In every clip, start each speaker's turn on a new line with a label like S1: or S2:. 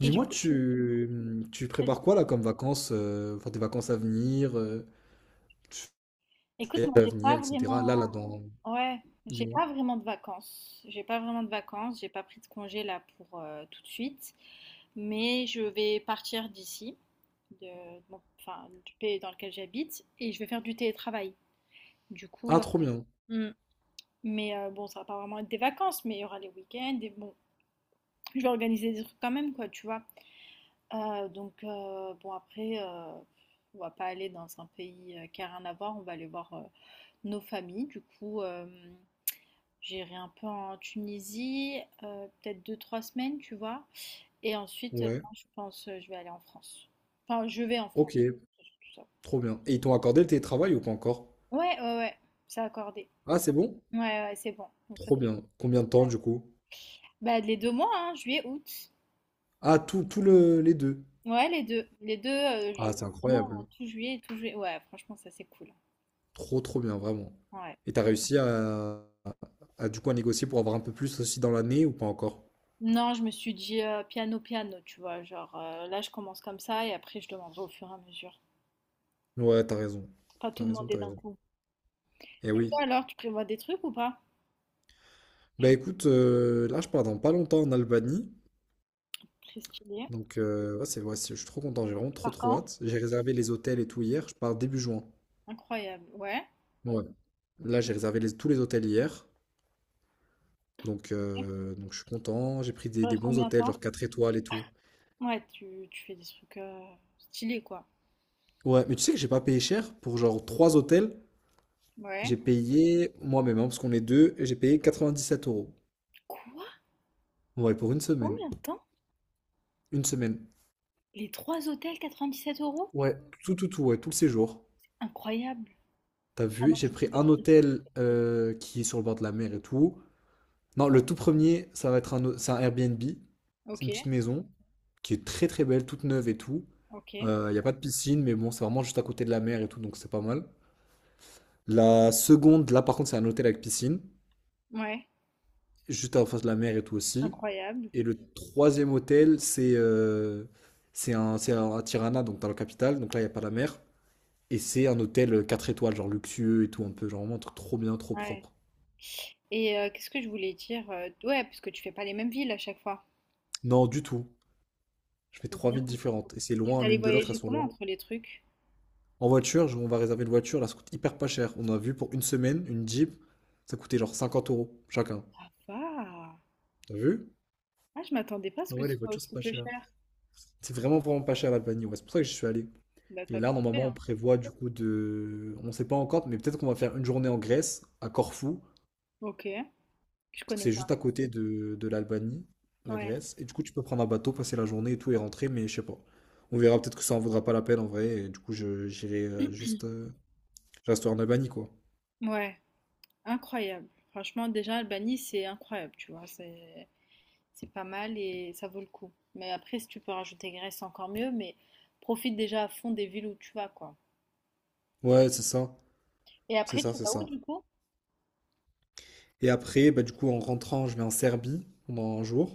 S1: Et du
S2: Dis-moi,
S1: coup, tu...
S2: tu
S1: Vas-y.
S2: prépares quoi là comme vacances, enfin tes vacances à venir, tu
S1: Écoute,
S2: fais
S1: moi,
S2: à
S1: j'ai pas
S2: venir, etc.
S1: vraiment...
S2: Là,
S1: Ouais, j'ai
S2: dis-moi.
S1: pas vraiment de vacances. J'ai pas vraiment de vacances. J'ai pas pris de congé là pour tout de suite. Mais je vais partir d'ici, de... bon, enfin, du pays dans lequel j'habite, et je vais faire du télétravail. Du coup,
S2: Ah, trop bien.
S1: mm. mais bon, ça va pas vraiment être des vacances, mais il y aura les week-ends. Et bon, je vais organiser des trucs quand même, quoi, tu vois. Bon, après, on va pas aller dans un pays qui a rien à voir. On va aller voir nos familles, du coup, j'irai un peu en Tunisie, peut-être deux trois semaines, tu vois? Et ensuite,
S2: Ouais,
S1: non, je pense, je vais aller en France. Enfin, je vais en
S2: ok,
S1: France, c'est surtout ça.
S2: trop bien. Et ils t'ont accordé le télétravail ou pas encore?
S1: Ouais, ouais, ouais, c'est accordé.
S2: Ah, c'est bon?
S1: Ouais, ouais, c'est bon, donc ça
S2: Trop
S1: c'est bon.
S2: bien. Combien de temps du coup?
S1: Bah, les 2 mois, hein, juillet, août.
S2: Ah, tout, tout les deux.
S1: Ouais, les deux
S2: Ah, c'est
S1: je vraiment
S2: incroyable.
S1: tout juillet, tout juillet. Ouais, franchement, ça c'est cool.
S2: Trop, trop bien, vraiment.
S1: Ouais.
S2: Et t'as réussi à, du coup à négocier pour avoir un peu plus aussi dans l'année ou pas encore?
S1: Non, je me suis dit, piano, piano, tu vois? Genre, là, je commence comme ça et après je demanderai au fur et à mesure.
S2: Ouais, t'as raison.
S1: Pas tout
S2: T'as raison,
S1: demander
S2: t'as
S1: d'un
S2: raison.
S1: coup.
S2: Eh
S1: Et
S2: oui.
S1: toi alors, tu prévois des trucs ou pas?
S2: Bah écoute, là je pars dans pas longtemps en Albanie.
S1: Très stylé.
S2: Donc ouais, ouais, je suis trop content, j'ai vraiment trop
S1: Par
S2: trop
S1: quand?
S2: hâte. J'ai réservé les hôtels et tout hier, je pars début juin.
S1: Incroyable. Ouais.
S2: Bon, ouais. Là j'ai réservé tous les hôtels hier. Donc,
S1: Ok.
S2: euh, donc je suis content, j'ai pris des,
S1: Ça
S2: des
S1: reste
S2: bons
S1: combien de
S2: hôtels, genre
S1: temps?
S2: 4 étoiles et tout.
S1: Ouais, tu fais des trucs stylés quoi.
S2: Ouais, mais tu sais que j'ai pas payé cher pour genre 3 hôtels.
S1: Ouais.
S2: J'ai payé moi-même, hein, parce qu'on est deux, et j'ai payé 97 euros.
S1: Quoi?
S2: Ouais, pour une semaine.
S1: Combien de temps?
S2: Une semaine.
S1: Les trois hôtels 97 euros?
S2: Ouais, tout, tout, tout, ouais, tout le séjour.
S1: Incroyable.
S2: T'as
S1: Ah
S2: vu,
S1: non,
S2: j'ai
S1: je
S2: pris un
S1: c'est pas.
S2: hôtel qui est sur le bord de la mer et tout. Non, le tout premier, ça va être c'est un Airbnb. C'est
S1: Ok,
S2: une petite maison qui est très très belle, toute neuve et tout.
S1: ok.
S2: Il n'y a pas de piscine, mais bon, c'est vraiment juste à côté de la mer et tout, donc c'est pas mal. La seconde, là par contre, c'est un hôtel avec piscine,
S1: Ouais.
S2: juste en face de la mer et tout aussi.
S1: Incroyable.
S2: Et le troisième hôtel, c'est à Tirana, donc dans la capitale, donc là, il n'y a pas la mer. Et c'est un hôtel 4 étoiles, genre luxueux et tout, un peu, genre vraiment un truc trop bien, trop
S1: Ouais.
S2: propre.
S1: Et qu'est-ce que je voulais dire? Ouais, parce que tu fais pas les mêmes villes à chaque fois.
S2: Non, du tout. Je fais
S1: Trop
S2: trois
S1: bien.
S2: villes différentes, et c'est
S1: Et
S2: loin
S1: vous allez
S2: l'une de l'autre, elles
S1: voyager
S2: sont
S1: comment
S2: loin.
S1: entre les trucs?
S2: En voiture, on va réserver une voiture, là ça coûte hyper pas cher. On a vu pour une semaine, une Jeep, ça coûtait genre 50 € chacun.
S1: Ça va.
S2: T'as vu?
S1: Ah, je m'attendais pas à ce
S2: Ah
S1: que
S2: ouais,
S1: ce
S2: les
S1: soit
S2: voitures, c'est
S1: aussi
S2: pas
S1: peu
S2: cher.
S1: cher.
S2: C'est vraiment, vraiment pas cher l'Albanie, ouais. C'est pour ça que j'y suis allé.
S1: Bah,
S2: Et
S1: t'as
S2: là,
S1: bien fait,
S2: normalement, on
S1: hein.
S2: prévoit du coup de. On sait pas encore, mais peut-être qu'on va faire une journée en Grèce, à Corfou,
S1: Ok. Je
S2: parce que
S1: connais
S2: c'est juste
S1: pas.
S2: à côté de l'Albanie, la
S1: Ouais,
S2: Grèce. Et du coup, tu peux prendre un bateau, passer la journée et tout et rentrer, mais je sais pas. On verra peut-être que ça en vaudra pas la peine en vrai. Et du coup, je j'irai juste. Je resterai en Albanie, quoi.
S1: ouais, incroyable. Franchement, déjà, Albanie, c'est incroyable, tu vois, c'est pas mal et ça vaut le coup. Mais après, si tu peux rajouter Grèce, encore mieux, mais profite déjà à fond des villes où tu vas, quoi.
S2: Ouais, c'est ça.
S1: Et
S2: C'est
S1: après,
S2: ça,
S1: tu
S2: c'est
S1: vas où,
S2: ça.
S1: du coup?
S2: Et après, bah, du coup, en rentrant, je vais en Serbie pendant un jour.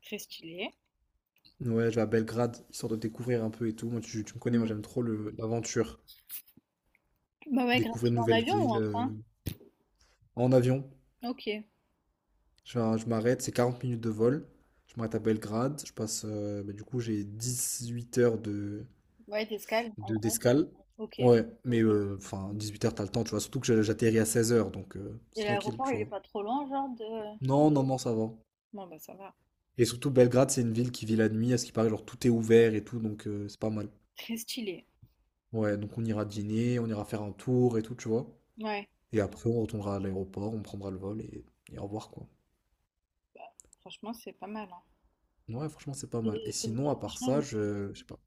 S1: Très stylé.
S2: Ouais, je vais à Belgrade, histoire de découvrir un peu et tout. Moi, tu me connais, moi,
S1: Mm.
S2: j'aime trop l'aventure.
S1: Bah ouais, grave.
S2: Découvrir
S1: Tu
S2: une
S1: vas en
S2: nouvelle
S1: avion ou
S2: ville
S1: en train?
S2: en avion.
S1: Ok.
S2: Je m'arrête, c'est 40 minutes de vol. Je m'arrête à Belgrade. Je passe, bah, du coup, j'ai 18 h
S1: Ouais, t'escales, en gros.
S2: d'escale.
S1: Ok.
S2: Ouais, mais enfin, 8 heures, t'as le temps, tu vois. Surtout que j'atterris à 16 h, donc c'est
S1: Et
S2: tranquille,
S1: l'aéroport,
S2: tu
S1: il est
S2: vois.
S1: pas trop loin, genre de...
S2: Non, non, non, ça va.
S1: Bon, bah ça va.
S2: Et surtout, Belgrade, c'est une ville qui vit la nuit, à ce qui paraît, genre tout est ouvert et tout, donc c'est pas mal.
S1: Très stylé.
S2: Ouais, donc on ira dîner, on ira faire un tour et tout, tu vois.
S1: Ouais,
S2: Et après, on retournera à l'aéroport, on prendra le vol et au revoir, quoi.
S1: franchement, c'est pas mal, hein.
S2: Ouais, franchement, c'est pas mal. Et
S1: Des- c'est des trucs
S2: sinon, à
S1: qui
S2: part
S1: changent.
S2: ça,
S1: Et tout.
S2: je sais pas,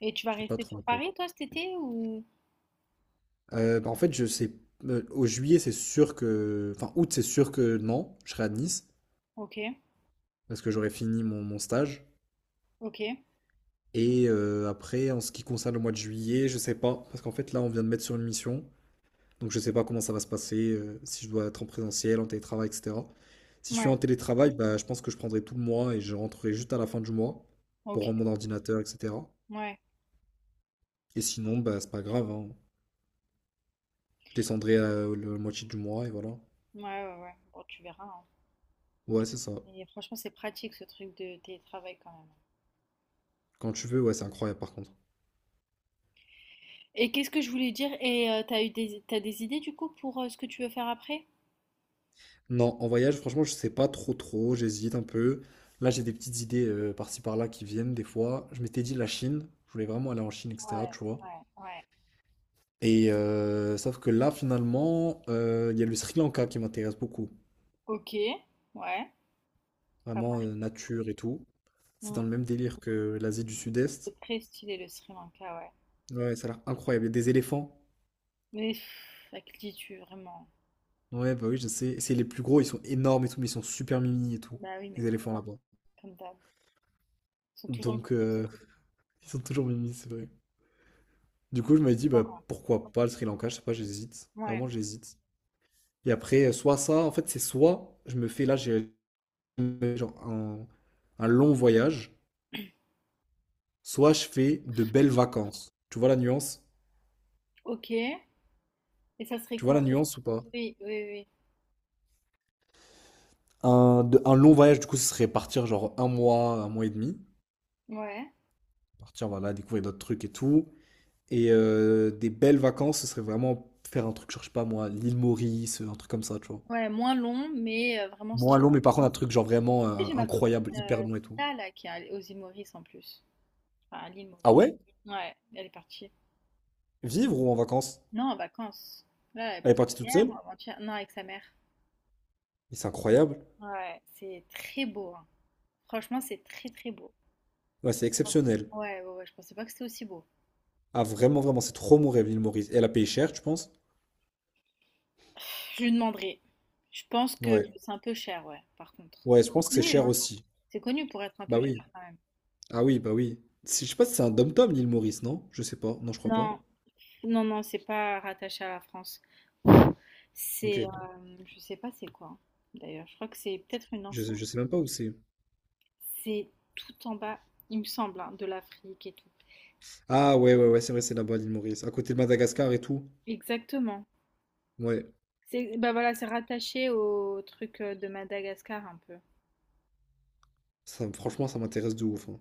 S1: Et tu vas
S2: je sais pas
S1: rester
S2: trop
S1: sur
S2: encore.
S1: Paris, toi, cet été, ou...
S2: Bah, en fait, je sais, au juillet, c'est sûr que, enfin, août, c'est sûr que non, je serai à Nice
S1: Ok,
S2: parce que j'aurai fini mon stage.
S1: ok,
S2: Et après, en ce qui concerne le mois de juillet, je sais pas, parce qu'en fait, là, on vient de mettre sur une mission. Donc je sais pas comment ça va se passer, si je dois être en présentiel, en télétravail, etc. Si je suis
S1: ouais,
S2: en télétravail, bah, je pense que je prendrai tout le mois et je rentrerai juste à la fin du mois
S1: ok,
S2: pour rendre mon ordinateur, etc.
S1: ouais,
S2: Et sinon, bah, c'est pas grave, hein. Je descendrai la moitié du mois et voilà.
S1: ouais, ouais, ouais. Bon, tu verras, hein.
S2: Ouais, c'est ça.
S1: Mais franchement, c'est pratique ce truc de télétravail quand même.
S2: Quand tu veux, ouais, c'est incroyable par contre.
S1: Et qu'est-ce que je voulais dire? Et t'as t'as des idées du coup pour ce que tu veux faire après?
S2: Non, en voyage, franchement, je sais pas trop trop, j'hésite un peu. Là, j'ai des petites idées par-ci par-là qui viennent des fois. Je m'étais dit la Chine, je voulais vraiment aller en Chine, etc.
S1: Ouais,
S2: Tu vois.
S1: ouais, ouais.
S2: Et sauf que là, finalement, il y a le Sri Lanka qui m'intéresse beaucoup.
S1: Ok, ouais, pas
S2: Vraiment,
S1: mal.
S2: nature et tout. C'est dans
S1: Mm.
S2: le même délire que l'Asie du Sud-Est.
S1: C'est très stylé le Sri Lanka, ouais.
S2: Ouais, ça a l'air incroyable. Il y a des éléphants.
S1: Mais pff, à qui dis-tu vraiment?
S2: Ouais, bah oui, je sais. Et c'est les plus gros, ils sont énormes et tout, mais ils sont super mimi et tout.
S1: Bah oui, mais
S2: Les
S1: comme
S2: éléphants
S1: d'hab,
S2: là-bas.
S1: comme d'hab. Ils sont toujours
S2: Donc, ils sont toujours mimi, c'est vrai. Du coup, je me dit bah, pourquoi pas le Sri Lanka? Je sais pas, j'hésite.
S1: ouais,
S2: Vraiment, j'hésite. Et après, soit ça, en fait, c'est soit je me fais là, j'ai genre un long voyage soit je fais de belles vacances. Tu vois la nuance?
S1: ok. Et ça serait
S2: Tu vois
S1: quoi?
S2: la nuance ou pas?
S1: Oui, oui,
S2: Un long voyage, du coup, ce serait partir genre un mois et demi.
S1: oui. Ouais.
S2: Partir, voilà, découvrir d'autres trucs et tout. Et des belles vacances, ce serait vraiment faire un truc, genre, je sais pas moi, l'île Maurice, un truc comme ça, tu vois.
S1: Ouais, moins long, mais vraiment
S2: Moins long,
S1: stylé.
S2: mais par contre, un truc genre vraiment
S1: J'ai ma copine,
S2: incroyable, hyper long et tout.
S1: Rita là, qui est allée aux îles Maurice en plus. Enfin, à l'île
S2: Ah
S1: Maurice.
S2: ouais?
S1: Ouais, elle est partie.
S2: Vivre ou en vacances?
S1: Non, en vacances. Là, elle est
S2: Elle est
S1: partie
S2: partie toute
S1: hier ou
S2: seule?
S1: avant-hier. Non, avec sa mère.
S2: Mais c'est incroyable.
S1: Ouais, c'est très beau, hein. Franchement, c'est très, très beau.
S2: Ouais, c'est
S1: Oh.
S2: exceptionnel.
S1: Ouais, ouais, ouais, je pensais pas que c'était aussi beau.
S2: Ah, vraiment, vraiment, c'est trop mon rêve, l'île Maurice. Et elle a payé cher, tu penses?
S1: Je lui demanderai. Je pense que
S2: Ouais.
S1: c'est un peu cher, ouais, par contre.
S2: Ouais, je
S1: C'est
S2: pense que c'est
S1: connu,
S2: cher
S1: hein.
S2: aussi.
S1: C'est connu pour être un
S2: Bah
S1: peu
S2: oui.
S1: cher quand même.
S2: Ah oui, bah oui. Je sais pas si c'est un dom-tom, l'île Maurice, non? Je sais pas. Non, je crois
S1: Non,
S2: pas.
S1: non, non, c'est pas rattaché à la France. C'est,
S2: Ok.
S1: je sais pas c'est quoi, hein. D'ailleurs, je crois que c'est peut-être une
S2: Je,
S1: ancienne.
S2: je sais même pas où c'est.
S1: C'est tout en bas, il me semble, hein, de l'Afrique et tout.
S2: Ah ouais, ouais, ouais, c'est vrai, c'est là-bas, l'île Maurice. À côté de Madagascar et tout.
S1: Exactement.
S2: Ouais.
S1: C'est bah voilà, c'est rattaché au truc de Madagascar un peu.
S2: Franchement, ça m'intéresse de ouf, hein.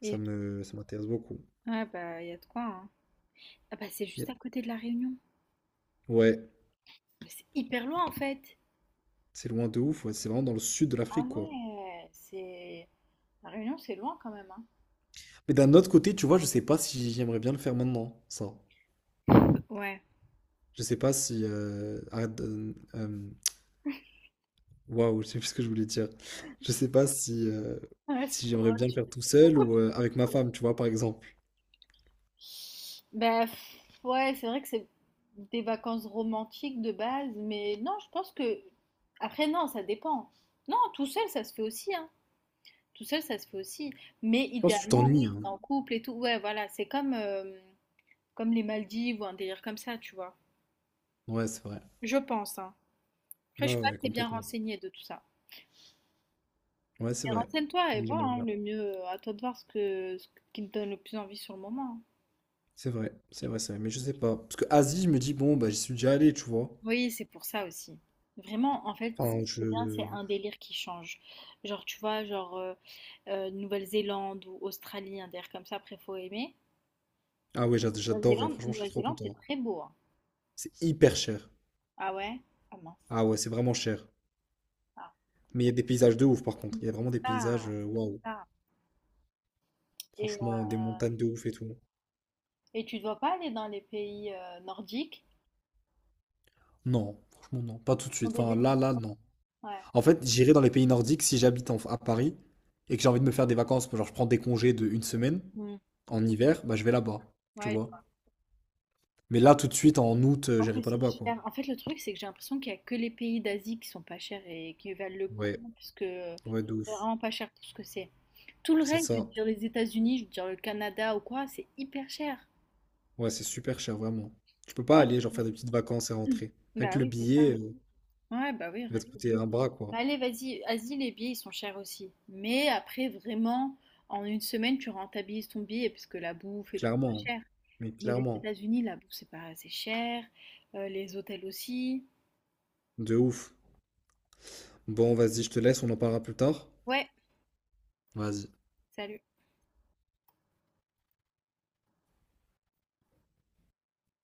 S2: Ça
S1: Et
S2: me, ça m'intéresse beaucoup.
S1: ouais, bah il y a de quoi, hein. Ah bah c'est
S2: Yeah.
S1: juste à côté de la Réunion.
S2: Ouais.
S1: Mais c'est hyper loin en fait.
S2: C'est loin de ouf. Ouais, c'est vraiment dans le sud de
S1: Ah
S2: l'Afrique, quoi.
S1: ouais, c'est... La Réunion, c'est loin quand même, hein.
S2: Mais d'un autre côté, tu vois, je sais pas si j'aimerais bien le faire maintenant, ça.
S1: Ouais.
S2: Je sais pas si... arrête, waouh, je sais plus ce que je voulais dire. Je sais pas si. euh,
S1: Ouais, c'est
S2: si
S1: trop
S2: j'aimerais
S1: drôle.
S2: bien le faire tout seul ou avec ma femme, tu vois, par exemple.
S1: Bah, pff, ouais, c'est vrai que c'est des vacances romantiques de base, mais non, je pense que... Après, non, ça dépend. Non, tout seul, ça se fait aussi, hein. Tout seul, ça se fait aussi. Mais
S2: Je pense que tu
S1: idéalement,
S2: t'ennuies,
S1: oui, t'es
S2: hein.
S1: en couple et tout. Ouais, voilà, c'est comme, comme les Maldives ou un délire comme ça, tu vois.
S2: Ouais, c'est vrai.
S1: Je pense, hein. Après, je
S2: Ouais,
S1: suis pas
S2: ouais,
S1: très bien
S2: complètement.
S1: renseignée de tout ça.
S2: Ouais, c'est
S1: Mais
S2: vrai.
S1: renseigne-toi et
S2: Oui,
S1: vois,
S2: j'aimerais
S1: hein,
S2: bien.
S1: le mieux, à toi de voir ce qui te donne le plus envie sur le moment, hein.
S2: C'est vrai, c'est vrai, c'est vrai. Mais je sais pas. Parce que Asie, je me dis, bon, bah, j'y suis déjà allé, tu vois.
S1: Oui, c'est pour ça aussi. Vraiment, en fait,
S2: Enfin,
S1: c'est bien, c'est
S2: je...
S1: un délire qui change. Genre, tu vois, genre Nouvelle-Zélande ou Australie, un délire comme ça, après, faut aimer.
S2: Ah ouais, j'adorerais.
S1: Nouvelle-Zélande,
S2: Franchement, je serais trop
S1: Nouvelle-Zélande,
S2: content,
S1: c'est
S2: hein.
S1: très beau, hein.
S2: C'est hyper cher.
S1: Ah ouais? Ah mince.
S2: Ah ouais, c'est vraiment cher.
S1: Ah.
S2: Mais il y a des paysages de ouf, par contre. Il
S1: Mais
S2: y a
S1: c'est
S2: vraiment des paysages,
S1: ça, c'est
S2: waouh.
S1: ça. Et, euh,
S2: Franchement, des montagnes de ouf et tout.
S1: et tu dois pas aller dans les pays nordiques,
S2: Non, franchement, non. Pas tout de
S1: ton
S2: suite. Enfin,
S1: délire?
S2: là, là, non.
S1: Ouais.
S2: En fait, j'irai dans les pays nordiques si j'habite à Paris et que j'ai envie de me faire des vacances. Genre, je prends des congés de une semaine
S1: Mm.
S2: en hiver, bah, je vais là-bas, tu
S1: Ouais, je
S2: vois.
S1: vois.
S2: Mais là, tout de suite, en août,
S1: En
S2: j'irai
S1: fait,
S2: pas
S1: c'est
S2: là-bas, quoi.
S1: cher. En fait, le truc, c'est que j'ai l'impression qu'il y a que les pays d'Asie qui sont pas chers et qui valent le
S2: Ouais,
S1: coup, parce que
S2: ouais, de
S1: c'est
S2: ouf.
S1: vraiment pas cher pour ce que c'est. Tout le
S2: C'est
S1: reste, je veux
S2: ça.
S1: dire les États-Unis, je veux dire le Canada ou quoi, c'est hyper cher.
S2: Ouais, c'est super cher, vraiment. Tu peux pas
S1: Ah,
S2: aller, genre, faire des petites vacances et rentrer. Avec
S1: bah
S2: le
S1: oui, c'est
S2: billet,
S1: ouais, bah oui,
S2: il va
S1: rien
S2: te
S1: que le
S2: coûter
S1: bio.
S2: un bras, quoi.
S1: Bah allez, vas-y, vas-y, les billets, ils sont chers aussi. Mais après, vraiment, en une semaine, tu rentabilises ton billet, parce que la bouffe et tout,
S2: Clairement,
S1: c'est
S2: hein.
S1: pas cher.
S2: Mais
S1: Mais les
S2: clairement.
S1: États-Unis, la bouffe, c'est pas assez cher. Les hôtels aussi.
S2: De ouf. Bon, vas-y, je te laisse, on en parlera plus tard.
S1: Ouais,
S2: Vas-y.
S1: salut.